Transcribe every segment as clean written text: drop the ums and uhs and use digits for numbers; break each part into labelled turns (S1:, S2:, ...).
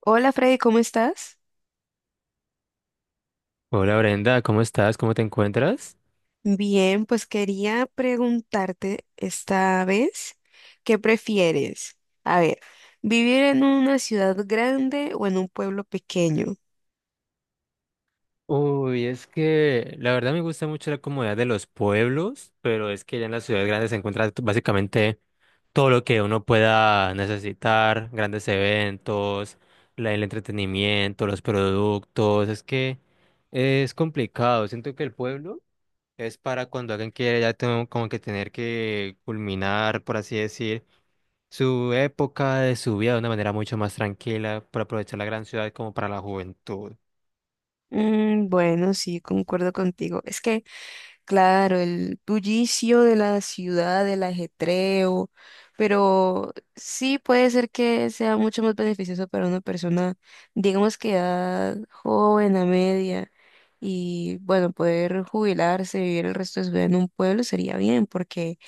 S1: Hola Freddy, ¿cómo estás?
S2: Hola Brenda, ¿cómo estás? ¿Cómo te encuentras?
S1: Bien, pues quería preguntarte esta vez, ¿qué prefieres? A ver, ¿vivir en una ciudad grande o en un pueblo pequeño?
S2: Uy, es que la verdad me gusta mucho la comodidad de los pueblos, pero es que ya en las ciudades grandes se encuentra básicamente todo lo que uno pueda necesitar, grandes eventos, el entretenimiento, los productos, es que es complicado. Siento que el pueblo es para cuando alguien quiere ya tengo como que tener que culminar, por así decir. Su época de su vida de una manera mucho más tranquila, por aprovechar la gran ciudad como para la juventud.
S1: Mm, bueno, sí, concuerdo contigo. Es que, claro, el bullicio de la ciudad, el ajetreo, pero sí puede ser que sea mucho más beneficioso para una persona, digamos que edad joven, a media, y bueno, poder jubilarse, vivir el resto de su vida en un pueblo sería bien, porque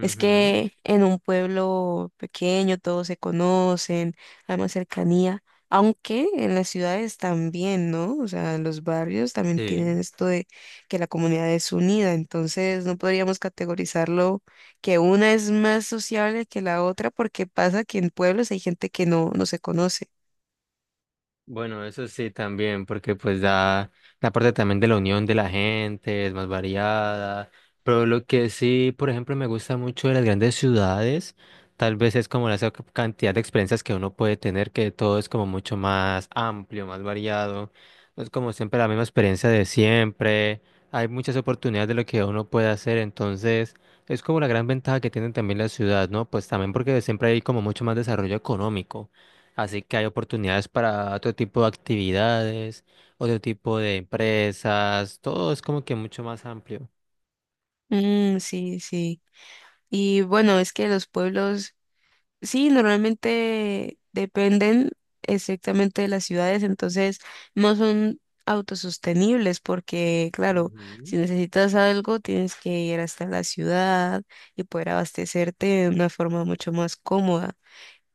S1: es que en un pueblo pequeño todos se conocen, hay más cercanía, aunque en las ciudades también, ¿no? O sea, los barrios también
S2: Sí.
S1: tienen esto de que la comunidad es unida, entonces no podríamos categorizarlo que una es más sociable que la otra porque pasa que en pueblos hay gente que no se conoce.
S2: Bueno, eso sí también, porque pues da la parte también de la unión de la gente, es más variada, pero lo que sí, por ejemplo, me gusta mucho de las grandes ciudades, tal vez es como la esa cantidad de experiencias que uno puede tener, que todo es como mucho más amplio, más variado, no es como siempre la misma experiencia de siempre, hay muchas oportunidades de lo que uno puede hacer, entonces es como la gran ventaja que tienen también la ciudad, ¿no? Pues también porque siempre hay como mucho más desarrollo económico. Así que hay oportunidades para otro tipo de actividades, otro tipo de empresas, todo es como que mucho más amplio.
S1: Mm, sí, sí. Y bueno, es que los pueblos sí, normalmente dependen estrictamente de las ciudades, entonces no son autosostenibles porque, claro, si
S2: Ujú.
S1: necesitas algo tienes que ir hasta la ciudad y poder abastecerte de una forma mucho más cómoda.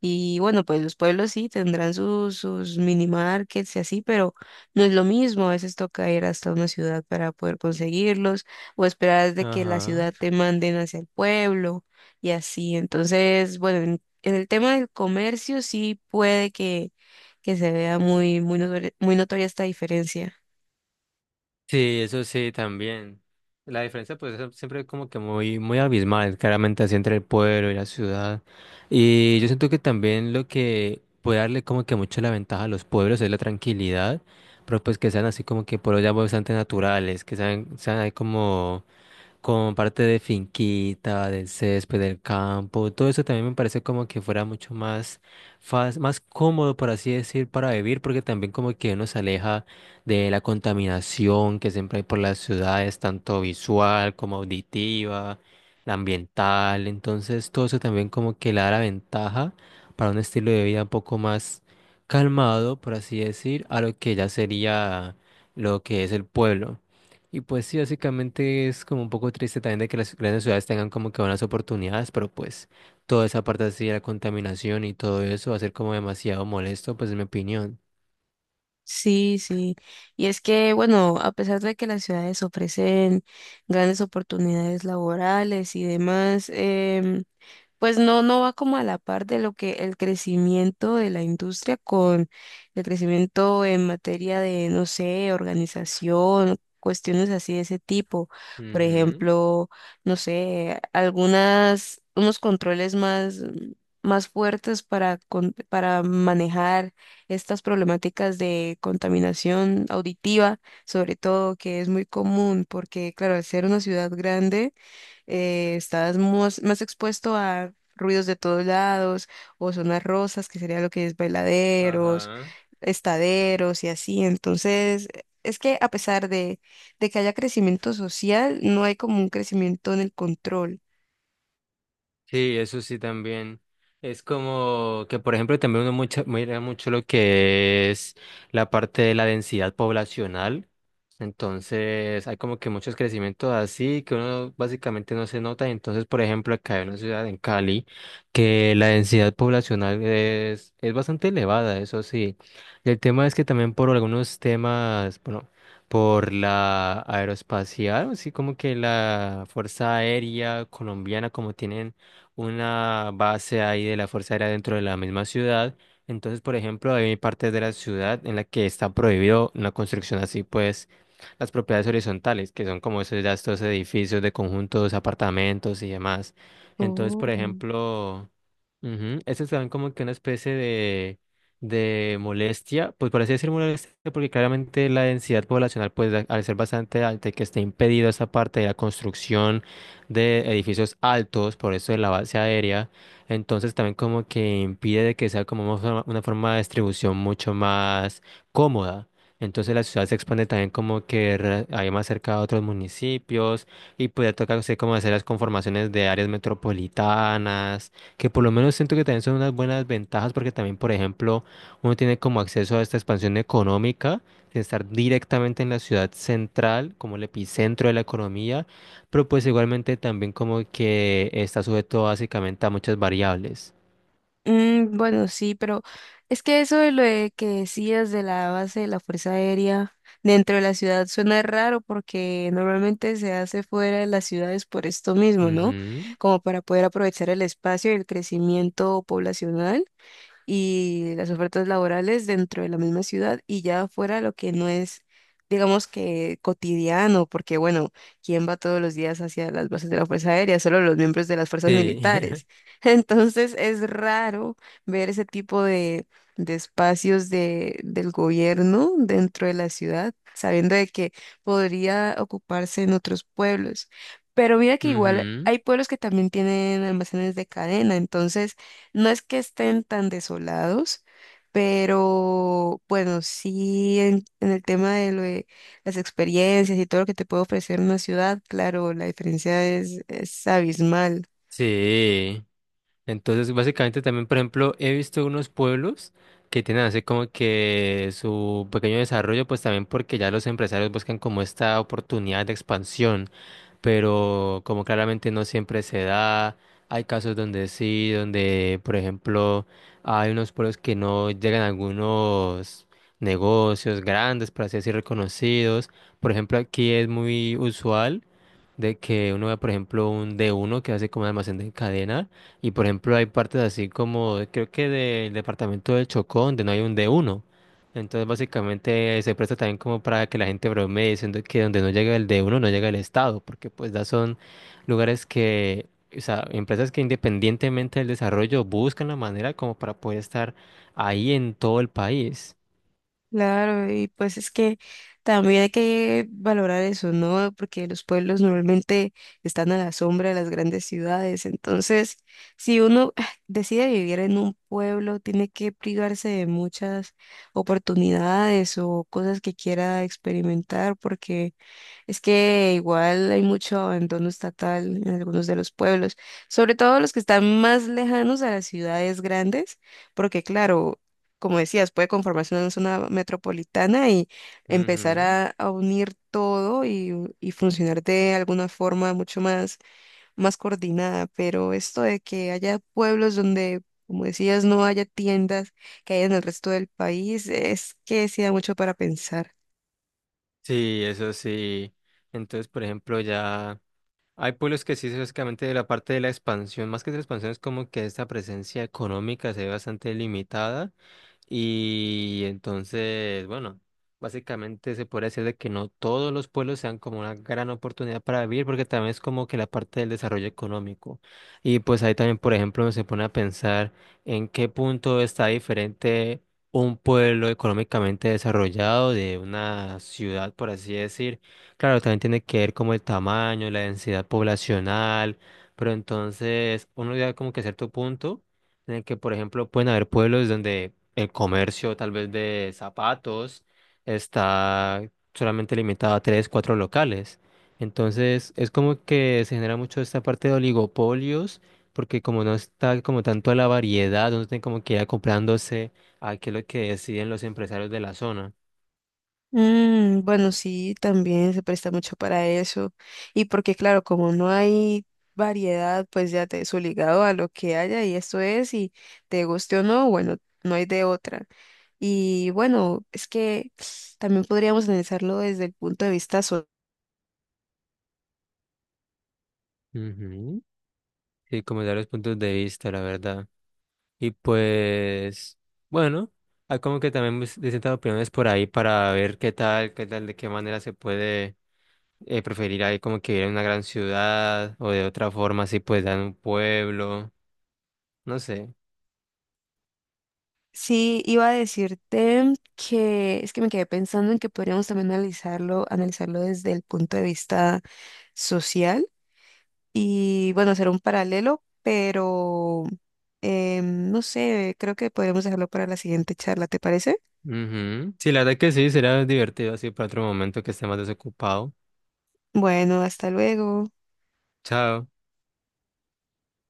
S1: Y bueno, pues los pueblos sí tendrán sus mini markets y así, pero no es lo mismo. A veces toca ir hasta una ciudad para poder conseguirlos o esperar de que la
S2: Ajá.
S1: ciudad te manden hacia el pueblo y así. Entonces, bueno, en el tema del comercio sí puede que se vea muy, muy muy notoria esta diferencia.
S2: Sí, eso sí también. La diferencia pues es siempre como que muy, muy abismal, claramente así entre el pueblo y la ciudad. Y yo siento que también lo que puede darle como que mucho la ventaja a los pueblos es la tranquilidad, pero pues que sean así como que pueblos ya bastante naturales, que sean ahí como con parte de finquita, del césped, del campo, todo eso también me parece como que fuera mucho más más cómodo, por así decir, para vivir, porque también como que uno se aleja de la contaminación que siempre hay por las ciudades, tanto visual como auditiva, la ambiental, entonces todo eso también como que le da la ventaja para un estilo de vida un poco más calmado, por así decir, a lo que ya sería lo que es el pueblo. Y pues sí, básicamente es como un poco triste también de que las grandes ciudades tengan como que buenas oportunidades, pero pues toda esa parte así de la contaminación y todo eso va a ser como demasiado molesto, pues en mi opinión.
S1: Sí, sí. Y es que, bueno, a pesar de que las ciudades ofrecen grandes oportunidades laborales y demás, pues no va como a la par de lo que el crecimiento de la industria con el crecimiento en materia de, no sé, organización, cuestiones así de ese tipo. Por
S2: Ujú.
S1: ejemplo, no sé, algunas, unos controles más fuertes para, para manejar estas problemáticas de contaminación auditiva, sobre todo, que es muy común, porque claro, al ser una ciudad grande, estás más expuesto a ruidos de todos lados, o zonas rosas, que sería lo que es bailaderos,
S2: Ajá.
S1: estaderos y así. Entonces, es que a pesar de que haya crecimiento social, no hay como un crecimiento en el control.
S2: Sí, eso sí también. Es como que, por ejemplo, también uno mucha mira mucho lo que es la parte de la densidad poblacional. Entonces, hay como que muchos crecimientos así que uno básicamente no se nota. Entonces, por ejemplo, acá hay una ciudad en Cali que la densidad poblacional es bastante elevada, eso sí. Y el tema es que también por algunos temas, bueno, por la aeroespacial, así como que la Fuerza Aérea colombiana, como tienen una base ahí de la Fuerza Aérea dentro de la misma ciudad. Entonces, por ejemplo, hay partes de la ciudad en la que está prohibido una construcción así, pues las propiedades horizontales, que son como esos, ya estos edificios de conjuntos, apartamentos y demás. Entonces, por
S1: Oh.
S2: ejemplo, ujú, estos dan como que una especie de molestia, pues por así decir molestia, porque claramente la densidad poblacional, pues al ser bastante alta y que esté impedido esa parte de la construcción, de edificios altos, por eso de la base aérea. Entonces también como que impide de que sea como una forma de distribución mucho más cómoda. Entonces la ciudad se expande también como que hay más cerca a otros municipios y podría tocarse como hacer las conformaciones de áreas metropolitanas, que por lo menos siento que también son unas buenas ventajas porque también, por ejemplo, uno tiene como acceso a esta expansión económica, de estar directamente en la ciudad central, como el epicentro de la economía, pero pues igualmente también como que está sujeto básicamente a muchas variables.
S1: Mm, bueno, sí, pero es que eso de lo de que decías de la base de la Fuerza Aérea dentro de la ciudad suena raro porque normalmente se hace fuera de las ciudades por esto mismo, ¿no?
S2: Ujú.
S1: Como para poder aprovechar el espacio y el crecimiento poblacional y las ofertas laborales dentro de la misma ciudad y ya fuera lo que no es, digamos que cotidiano, porque bueno, ¿quién va todos los días hacia las bases de la Fuerza Aérea? Solo los miembros de las fuerzas
S2: Sí.
S1: militares. Entonces es raro ver ese tipo de espacios de, del gobierno dentro de la ciudad, sabiendo de que podría ocuparse en otros pueblos. Pero mira que igual
S2: Ujú.
S1: hay pueblos que también tienen almacenes de cadena, entonces no es que estén tan desolados, pero bueno, sí en el tema de, lo de las experiencias y todo lo que te puede ofrecer una ciudad, claro, la diferencia es abismal.
S2: Sí. Entonces, básicamente también, por ejemplo, he visto unos pueblos que tienen así como que su pequeño desarrollo, pues también porque ya los empresarios buscan como esta oportunidad de expansión, pero como claramente no siempre se da, hay casos donde sí, donde por ejemplo hay unos pueblos que no llegan a algunos negocios grandes, por así decir, reconocidos. Por ejemplo, aquí es muy usual de que uno ve, por ejemplo, un d uno que hace como un almacén de cadena y por ejemplo hay partes así como, creo que del departamento del Chocó donde no hay un d uno. Entonces, básicamente se presta también como para que la gente bromee diciendo que donde no llega el de uno, no llega el Estado, porque pues ya son lugares que, o sea, empresas que independientemente del desarrollo buscan la manera como para poder estar ahí en todo el país.
S1: Claro, y pues es que también hay que valorar eso, ¿no? Porque los pueblos normalmente están a la sombra de las grandes ciudades. Entonces, si uno decide vivir en un pueblo, tiene que privarse de muchas oportunidades o cosas que quiera experimentar, porque es que igual hay mucho abandono estatal en algunos de los pueblos, sobre todo los que están más lejanos a las ciudades grandes, porque claro, como decías, puede conformarse una zona metropolitana y empezar
S2: Ujú.
S1: a unir todo y funcionar de alguna forma mucho más, más coordinada, pero esto de que haya pueblos donde, como decías, no haya tiendas que hay en el resto del país, es que sí da mucho para pensar.
S2: Sí, eso sí. Entonces, por ejemplo, ya hay pueblos que sí, básicamente de la parte de la expansión, más que de la expansión, es como que esta presencia económica se ve bastante limitada. Y entonces, bueno, básicamente se puede decir de que no todos los pueblos sean como una gran oportunidad para vivir, porque también es como que la parte del desarrollo económico. Y pues ahí también, por ejemplo, se pone a pensar en qué punto está diferente un pueblo económicamente desarrollado de una ciudad, por así decir. Claro, también tiene que ver como el tamaño, la densidad poblacional, pero entonces uno llega como que a cierto punto en el que, por ejemplo, pueden haber pueblos donde el comercio tal vez de zapatos está solamente limitado a tres, cuatro locales. Entonces, es como que se genera mucho esta parte de oligopolios, porque como no está como tanto a la variedad, no tienen como que ir comprándose a qué es lo que deciden los empresarios de la zona.
S1: Mm, bueno, sí, también se presta mucho para eso. Y porque, claro, como no hay variedad, pues ya te es obligado a lo que haya y esto es, y te guste o no, bueno, no hay de otra. Y bueno, es que también podríamos analizarlo desde el punto de vista.
S2: Ujú. Sí, como dar los puntos de vista, la verdad. Y pues, bueno, hay como que también distintas opiniones por ahí para ver qué tal, de qué manera se puede preferir ahí como que ir a una gran ciudad o de otra forma así pues en un pueblo, no sé.
S1: Sí, iba a decirte que es que me quedé pensando en que podríamos también analizarlo desde el punto de vista social y bueno, hacer un paralelo, pero no sé, creo que podríamos dejarlo para la siguiente charla, ¿te parece?
S2: Ujú. Sí, la verdad que sí, será divertido así para otro momento que esté más desocupado.
S1: Bueno, hasta luego.
S2: Chao.